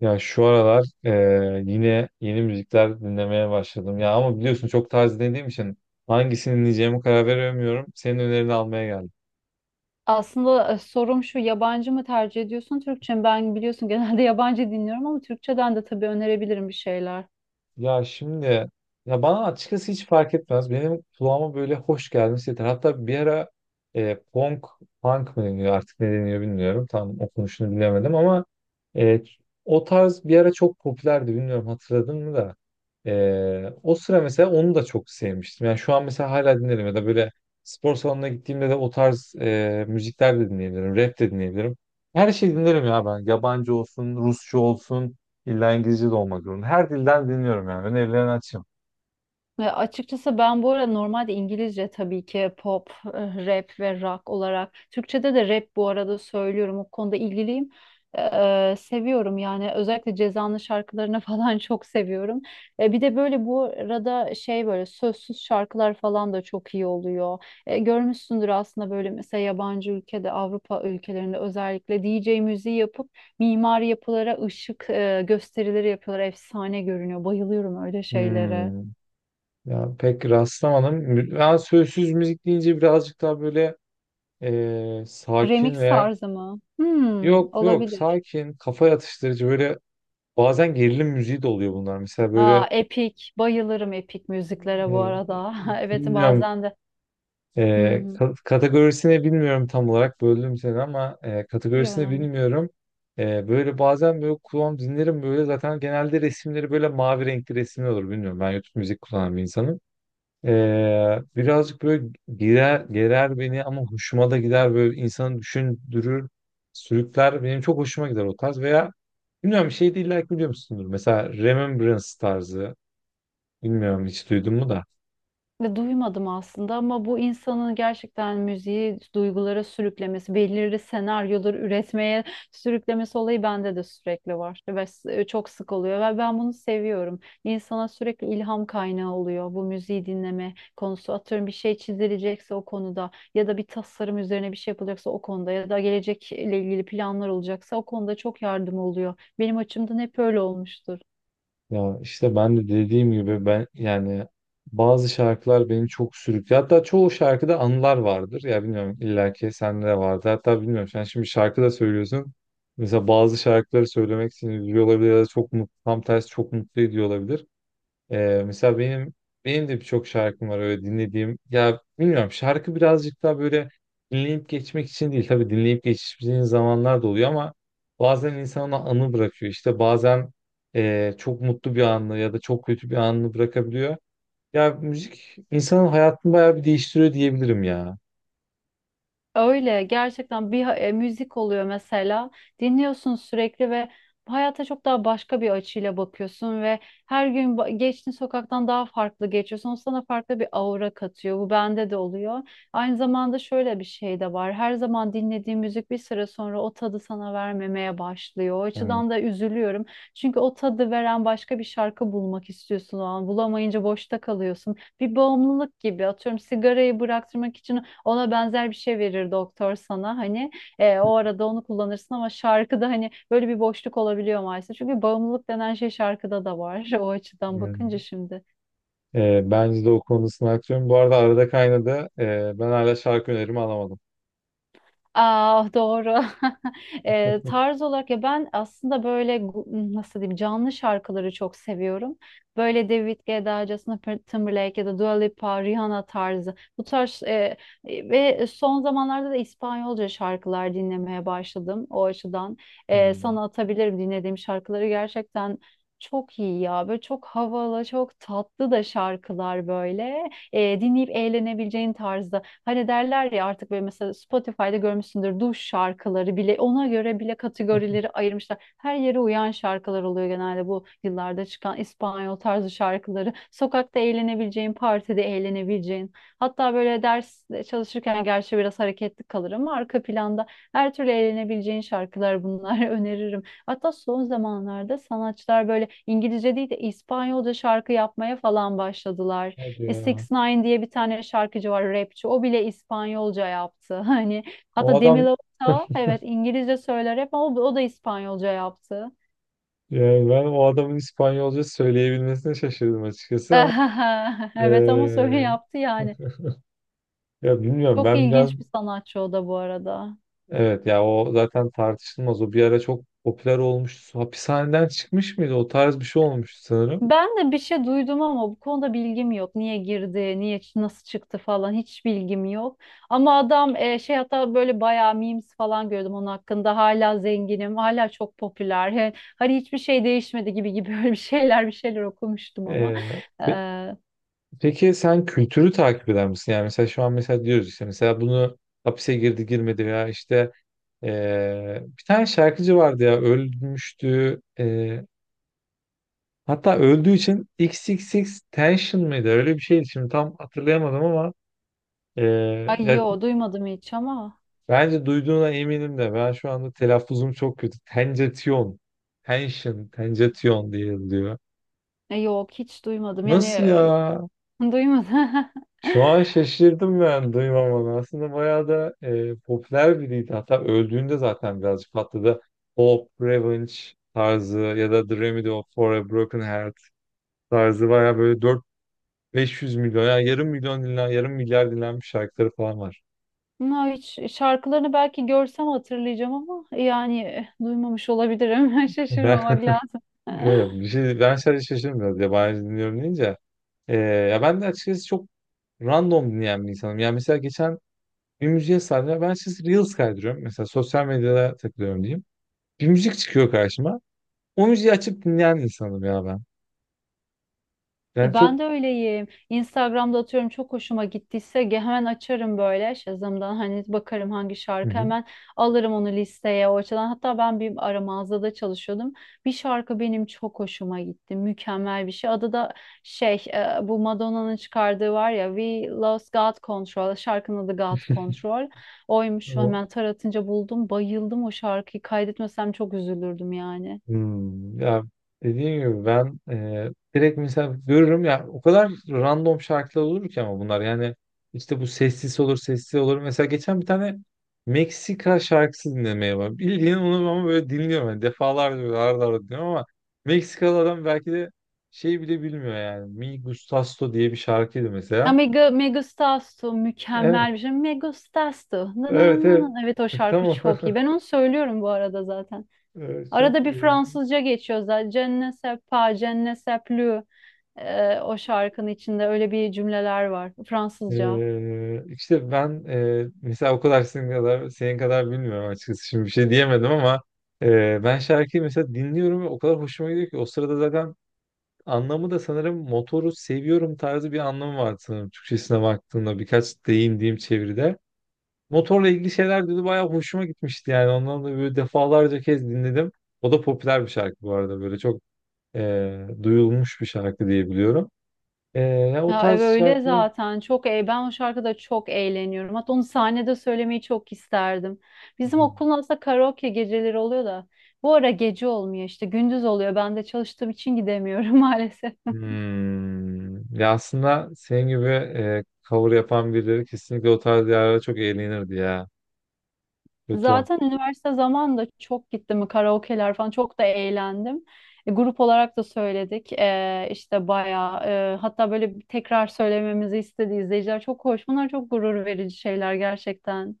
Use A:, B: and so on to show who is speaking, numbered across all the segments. A: Ya şu aralar yine yeni müzikler dinlemeye başladım. Ya ama biliyorsun çok tarz dediğim için hangisini dinleyeceğime karar veremiyorum. Senin önerini almaya geldim.
B: Aslında sorum şu, yabancı mı tercih ediyorsun Türkçe mi? Ben biliyorsun genelde yabancı dinliyorum ama Türkçeden de tabii önerebilirim bir şeyler.
A: Ya şimdi. Ya bana açıkçası hiç fark etmez. Benim kulağıma böyle hoş gelmesi yeter. Hatta bir ara e, punk, punk mı deniyor artık ne deniyor bilmiyorum. Tam okunuşunu bilemedim ama e, o tarz bir ara çok popülerdi. Bilmiyorum hatırladın mı da. O sıra mesela onu da çok sevmiştim. Yani şu an mesela hala dinlerim ya da böyle spor salonuna gittiğimde de o tarz müzikler de dinleyebilirim. Rap de dinleyebilirim. Her şeyi dinlerim ya ben. Yabancı olsun, Rusça olsun. İlla İngilizce de olmak zorunda. Her dilden dinliyorum yani. Önerilerini açayım.
B: Ya açıkçası ben bu arada normalde İngilizce tabii ki pop, rap ve rock olarak. Türkçe'de de rap bu arada söylüyorum. O konuda ilgiliyim. Seviyorum yani, özellikle Ceza'nın şarkılarını falan çok seviyorum. Bir de böyle bu arada şey, böyle sözsüz şarkılar falan da çok iyi oluyor. Görmüşsündür aslında, böyle mesela yabancı ülkede, Avrupa ülkelerinde özellikle DJ müziği yapıp mimari yapılara ışık gösterileri yapıyorlar. Efsane görünüyor. Bayılıyorum öyle şeylere.
A: Hmm. Ya pek rastlamadım. Ben sözsüz müzik deyince birazcık daha böyle sakin
B: Remix
A: veya
B: tarzı mı? Hmm,
A: yok yok
B: olabilir.
A: sakin, kafa yatıştırıcı. Böyle bazen gerilim müziği de oluyor bunlar. Mesela böyle
B: Aa, Epic. Bayılırım Epic müziklere bu
A: eee,
B: arada. Evet,
A: bilmiyorum,
B: bazen de. Hı hı.
A: kategorisini bilmiyorum tam olarak, böldüm seni ama
B: İyi,
A: kategorisini
B: önemli.
A: bilmiyorum. Böyle bazen böyle kulağım, dinlerim böyle, zaten genelde resimleri böyle mavi renkli resimler olur, bilmiyorum, ben YouTube müzik kullanan bir insanım. Birazcık böyle girer, gerer beni ama hoşuma da gider, böyle insanı düşündürür, sürükler. Benim çok hoşuma gider o tarz. Veya bilmiyorum, bir şey değil, like biliyor musundur? Mesela Remembrance tarzı, bilmiyorum hiç duydun mu da.
B: Ve duymadım aslında, ama bu insanın gerçekten müziği duygulara sürüklemesi, belirli senaryoları üretmeye sürüklemesi olayı bende de sürekli var ve çok sık oluyor ve ben bunu seviyorum. İnsana sürekli ilham kaynağı oluyor bu müziği dinleme konusu. Atıyorum, bir şey çizilecekse o konuda, ya da bir tasarım üzerine bir şey yapılacaksa o konuda, ya da gelecekle ilgili planlar olacaksa o konuda çok yardım oluyor. Benim açımdan hep öyle olmuştur.
A: Ya işte ben de dediğim gibi, ben yani bazı şarkılar beni çok sürüklüyor. Hatta çoğu şarkıda anılar vardır. Ya bilmiyorum, illaki sende de vardı. Hatta bilmiyorum, sen şimdi şarkı da söylüyorsun. Mesela bazı şarkıları söylemek seni üzüyor olabilir ya da çok mutlu, tam tersi çok mutlu ediyor olabilir. Mesela benim de birçok şarkım var öyle dinlediğim. Ya bilmiyorum, şarkı birazcık daha böyle dinleyip geçmek için değil. Tabii dinleyip geçtiğin zamanlar da oluyor ama bazen insan ona anı bırakıyor. İşte bazen çok mutlu bir anını ya da çok kötü bir anını bırakabiliyor. Ya müzik insanın hayatını bayağı bir değiştiriyor diyebilirim ya.
B: Öyle gerçekten bir müzik oluyor mesela, dinliyorsun sürekli ve hayata çok daha başka bir açıyla bakıyorsun ve her gün geçtiğin sokaktan daha farklı geçiyorsun. O sana farklı bir aura katıyor. Bu bende de oluyor. Aynı zamanda şöyle bir şey de var. Her zaman dinlediğim müzik bir süre sonra o tadı sana vermemeye başlıyor. O
A: Evet,
B: açıdan da üzülüyorum. Çünkü o tadı veren başka bir şarkı bulmak istiyorsun o an. Bulamayınca boşta kalıyorsun. Bir bağımlılık gibi, atıyorum sigarayı bıraktırmak için ona benzer bir şey verir doktor sana, hani o arada onu kullanırsın, ama şarkıda hani böyle bir boşluk olabiliyor maalesef. Çünkü bağımlılık denen şey şarkıda da var o açıdan
A: yani,
B: bakınca şimdi.
A: bence de o konusunu haklıyorum. Bu arada arada kaynadı. Ben hala şarkı önerimi alamadım.
B: Aa, doğru. Tarz olarak, ya ben aslında böyle nasıl diyeyim, canlı şarkıları çok seviyorum. Böyle David Guetta, Justin Timberlake ya da Dua Lipa, Rihanna tarzı. Bu tarz ve son zamanlarda da İspanyolca şarkılar dinlemeye başladım. O açıdan,
A: Hmm.
B: sana atabilirim dinlediğim şarkıları, gerçekten çok iyi ya. Böyle çok havalı, çok tatlı da şarkılar, böyle dinleyip eğlenebileceğin tarzda. Hani derler ya, artık böyle mesela Spotify'da görmüşsündür, duş şarkıları bile, ona göre bile kategorileri ayırmışlar. Her yere uyan şarkılar oluyor genelde, bu yıllarda çıkan İspanyol tarzı şarkıları. Sokakta eğlenebileceğin, partide eğlenebileceğin. Hatta böyle ders çalışırken, gerçi biraz hareketli kalır ama arka planda her türlü eğlenebileceğin şarkılar bunlar. Öneririm. Hatta son zamanlarda sanatçılar böyle İngilizce değil de İspanyolca şarkı yapmaya falan başladılar.
A: Hadi
B: 6
A: ya.
B: ix diye bir tane şarkıcı var, rapçi. O bile İspanyolca yaptı. Hani
A: O
B: hatta Demi
A: adam.
B: Lovato, evet İngilizce söyler hep ama o da İspanyolca yaptı.
A: Yani ben o adamın İspanyolca söyleyebilmesine şaşırdım açıkçası ama
B: Evet, ama söyle
A: eee,
B: yaptı yani.
A: ya bilmiyorum,
B: Çok
A: ben biraz.
B: ilginç bir sanatçı o da bu arada.
A: Evet ya, o zaten tartışılmaz, o bir ara çok popüler olmuştu. Hapishaneden çıkmış mıydı, o tarz bir şey olmuştu sanırım.
B: Ben de bir şey duydum ama bu konuda bilgim yok. Niye girdi, niye nasıl çıktı falan, hiç bilgim yok. Ama adam, şey, hatta böyle bayağı memes falan gördüm onun hakkında. Hala zenginim, hala çok popüler. Hani hiçbir şey değişmedi gibi gibi, böyle bir şeyler bir şeyler okumuştum ama.
A: Eee, pe-
B: Ee,
A: peki sen kültürü takip eder misin? Yani mesela şu an mesela diyoruz işte, mesela bunu hapise girdi girmedi veya işte bir tane şarkıcı vardı ya, ölmüştü. Hatta öldüğü için, x x x Tension mıydı? Öyle bir şeydi. Şimdi tam hatırlayamadım ama e,
B: Ay
A: ya
B: yo, duymadım hiç ama.
A: bence duyduğuna eminim de, ben şu anda telaffuzum çok kötü. Tenjetion. Tension. Tenjetion diye yazılıyor.
B: Yok, hiç duymadım yani,
A: Nasıl ya?
B: duymadım.
A: Şu an şaşırdım ben duymamana. Aslında bayağı da popüler biriydi. Hatta öldüğünde zaten birazcık patladı. Hope, Revenge tarzı ya da The Remedy of for a Broken Heart tarzı, bayağı böyle 500 milyon, yani yarım milyon dinlen, yarım milyar dinlenmiş şarkıları falan var.
B: No, hiç şarkılarını belki görsem hatırlayacağım ama, yani duymamış olabilirim.
A: Ben,
B: Şaşırmamak lazım.
A: evet, bir şey, ben sadece şaşırdım biraz, yabancı dinliyorum deyince. Ya ben de açıkçası çok random dinleyen bir insanım. Yani mesela geçen bir müziğe sardım. Ben açıkçası Reels kaydırıyorum. Mesela sosyal medyada takılıyorum diyeyim. Bir müzik çıkıyor karşıma. O müziği açıp dinleyen insanım ya ben. Yani
B: Ben
A: çok...
B: de öyleyim. Instagram'da atıyorum, çok hoşuma gittiyse hemen açarım böyle Shazam'dan, hani bakarım hangi
A: Hı
B: şarkı,
A: hı.
B: hemen alırım onu listeye, o açıdan. Hatta ben bir ara mağazada çalışıyordum. Bir şarkı benim çok hoşuma gitti. Mükemmel bir şey. Adı da şey, bu Madonna'nın çıkardığı var ya, We Lost God Control. Şarkının adı God Control. Oymuş,
A: Tamam.
B: hemen taratınca buldum. Bayıldım o şarkıyı. Kaydetmesem çok üzülürdüm yani.
A: Hmm, ya dediğim gibi, ben direkt mesela görürüm ya, o kadar random şarkılar olur ki, ama bunlar yani işte bu sessiz olur sessiz olur, mesela geçen bir tane Meksika şarkısı dinlemeye var bildiğin onu, ama böyle dinliyorum yani, defalarca böyle arada arada dinliyorum. Ama Meksikalı adam belki de şey bile bilmiyor yani, Mi Gustasto diye bir şarkıydı
B: Ya
A: mesela.
B: Megustastu,
A: Evet,
B: mükemmel bir şey. Megustastu. Na na
A: evet,
B: na
A: evet.
B: na. Evet, o şarkı
A: Tamam.
B: çok iyi. Ben onu söylüyorum bu arada zaten.
A: Evet, çok
B: Arada bir Fransızca geçiyor zaten. Je ne sais pas, je ne sais plus. O şarkının içinde öyle bir cümleler var. Fransızca.
A: İşte ben, mesela o kadar, senin kadar bilmiyorum açıkçası, şimdi bir şey diyemedim ama ben şarkıyı mesela dinliyorum ve o kadar hoşuma gidiyor ki, o sırada zaten anlamı da sanırım motoru seviyorum tarzı bir anlamı var sanırım, Türkçesine baktığımda birkaç deyim diyeyim çeviride. Motorla ilgili şeyler dedi, bayağı hoşuma gitmişti yani, ondan da böyle defalarca kez dinledim. O da popüler bir şarkı bu arada, böyle çok duyulmuş bir şarkı diye biliyorum. E, Ya o
B: Ya evet,
A: tarz
B: öyle
A: şarkılar.
B: zaten. Çok ben o şarkıda çok eğleniyorum. Hatta onu sahnede söylemeyi çok isterdim. Bizim okulun aslında karaoke geceleri oluyor da. Bu ara gece olmuyor, işte gündüz oluyor. Ben de çalıştığım için gidemiyorum maalesef.
A: Hmm. Ya aslında senin gibi cover yapan birileri kesinlikle o tarz yerlere çok eğlenirdi ya. Kötü ol.
B: Zaten üniversite zamanında çok gittim karaoke'ler falan, çok da eğlendim. Grup olarak da söyledik, işte bayağı, hatta böyle bir tekrar söylememizi istedi izleyiciler, çok hoş. Bunlar çok gurur verici şeyler gerçekten.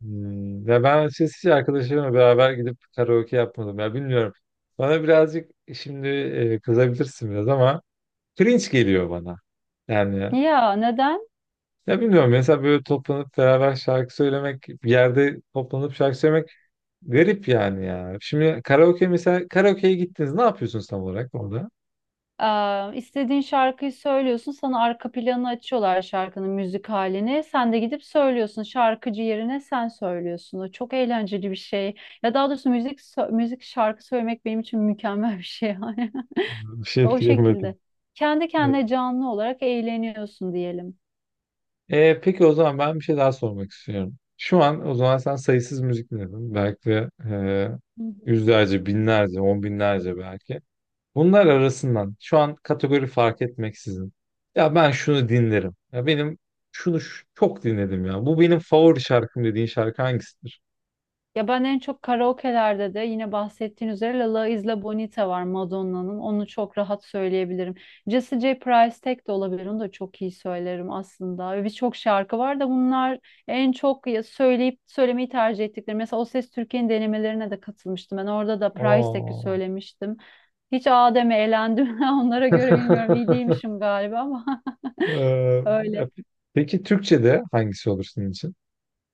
A: Hmm. Ya ben açıkçası hiç arkadaşlarımla beraber gidip karaoke yapmadım ya, bilmiyorum. Bana birazcık şimdi kızabilirsin biraz ama cringe geliyor bana. Yani
B: Ya neden?
A: ya bilmiyorum, mesela böyle toplanıp beraber şarkı söylemek, bir yerde toplanıp şarkı söylemek garip yani ya. Şimdi karaoke, mesela karaoke'ye gittiniz, ne yapıyorsunuz tam olarak orada?
B: İstediğin şarkıyı söylüyorsun, sana arka planı açıyorlar, şarkının müzik halini. Sen de gidip söylüyorsun, şarkıcı yerine sen söylüyorsun. O çok eğlenceli bir şey. Ya daha doğrusu müzik şarkı söylemek benim için mükemmel bir şey.
A: Bir şey
B: O
A: diyemedim.
B: şekilde. Kendi kendine canlı olarak eğleniyorsun diyelim.
A: Peki o zaman ben bir şey daha sormak istiyorum. Şu an o zaman sen sayısız müzik dinledin. Belki de
B: Hı hı.
A: yüzlerce, binlerce, on binlerce belki. Bunlar arasından şu an kategori fark etmeksizin. Ya ben şunu dinlerim. Ya benim şunu çok dinledim ya. Bu benim favori şarkım dediğin şarkı hangisidir?
B: Ya ben en çok karaoke'lerde de, yine bahsettiğin üzere, La La Isla Bonita var Madonna'nın. Onu çok rahat söyleyebilirim. Jesse J. Price tek de olabilir. Onu da çok iyi söylerim aslında. Ve birçok şarkı var da, bunlar en çok söyleyip söylemeyi tercih ettikleri. Mesela O Ses Türkiye'nin denemelerine de katılmıştım. Ben orada da Price Tek'i
A: Aa.
B: söylemiştim. Hiç Adem'e eğlendim. Onlara göre bilmiyorum, iyi değilmişim galiba ama
A: Ya
B: öyle.
A: peki Türkçe'de hangisi olur senin için?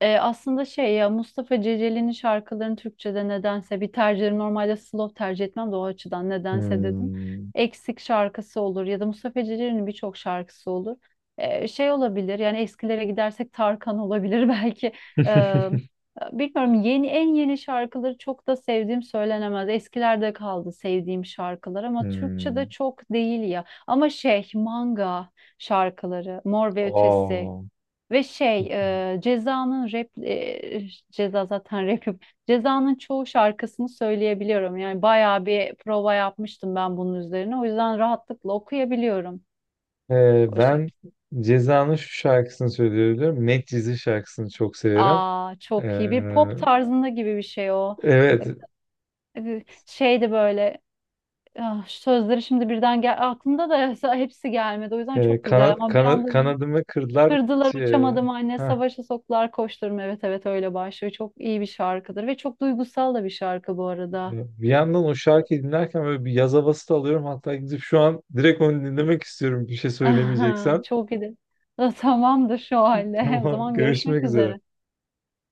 B: Aslında şey, ya Mustafa Ceceli'nin şarkılarını Türkçe'de, nedense bir tercihim, normalde slow tercih etmem de, o açıdan nedense dedim.
A: Hmm.
B: Eksik şarkısı olur ya da, Mustafa Ceceli'nin birçok şarkısı olur. Şey olabilir yani, eskilere gidersek Tarkan olabilir belki. E, Bilmiyorum, yeni en yeni şarkıları çok da sevdiğim söylenemez. Eskilerde kaldı sevdiğim şarkılar, ama
A: Hmm.
B: Türkçe'de çok değil ya. Ama şey, manga şarkıları, Mor ve Ötesi,
A: Aa.
B: ve şey, Ceza'nın rap, Ceza zaten rapim. Ceza'nın çoğu şarkısını söyleyebiliyorum. Yani bayağı bir prova yapmıştım ben bunun üzerine. O yüzden rahatlıkla okuyabiliyorum o
A: Ben
B: şekilde.
A: Ceza'nın şu şarkısını söylüyorum. Medcezir şarkısını çok severim.
B: Aa, çok iyi, bir
A: Ee,
B: pop tarzında gibi bir şey o.
A: evet.
B: Şeydi böyle, sözleri şimdi birden gel aklımda da hepsi gelmedi. O yüzden çok güzel, ama bir anda
A: Kanadımı kırdılar.
B: kırdılar,
A: Ç- e,
B: uçamadım anne,
A: Heh.
B: savaşa soktular, koşturum, evet evet, öyle başlıyor, çok iyi bir şarkıdır ve çok duygusal da bir şarkı bu arada.
A: Bir yandan o şarkıyı dinlerken böyle bir yaz havası da alıyorum. Hatta gidip şu an direkt onu dinlemek istiyorum, bir şey söylemeyeceksen.
B: Çok iyi de. Tamamdır, şu halde o
A: Tamam.
B: zaman
A: Görüşmek
B: görüşmek
A: üzere.
B: üzere.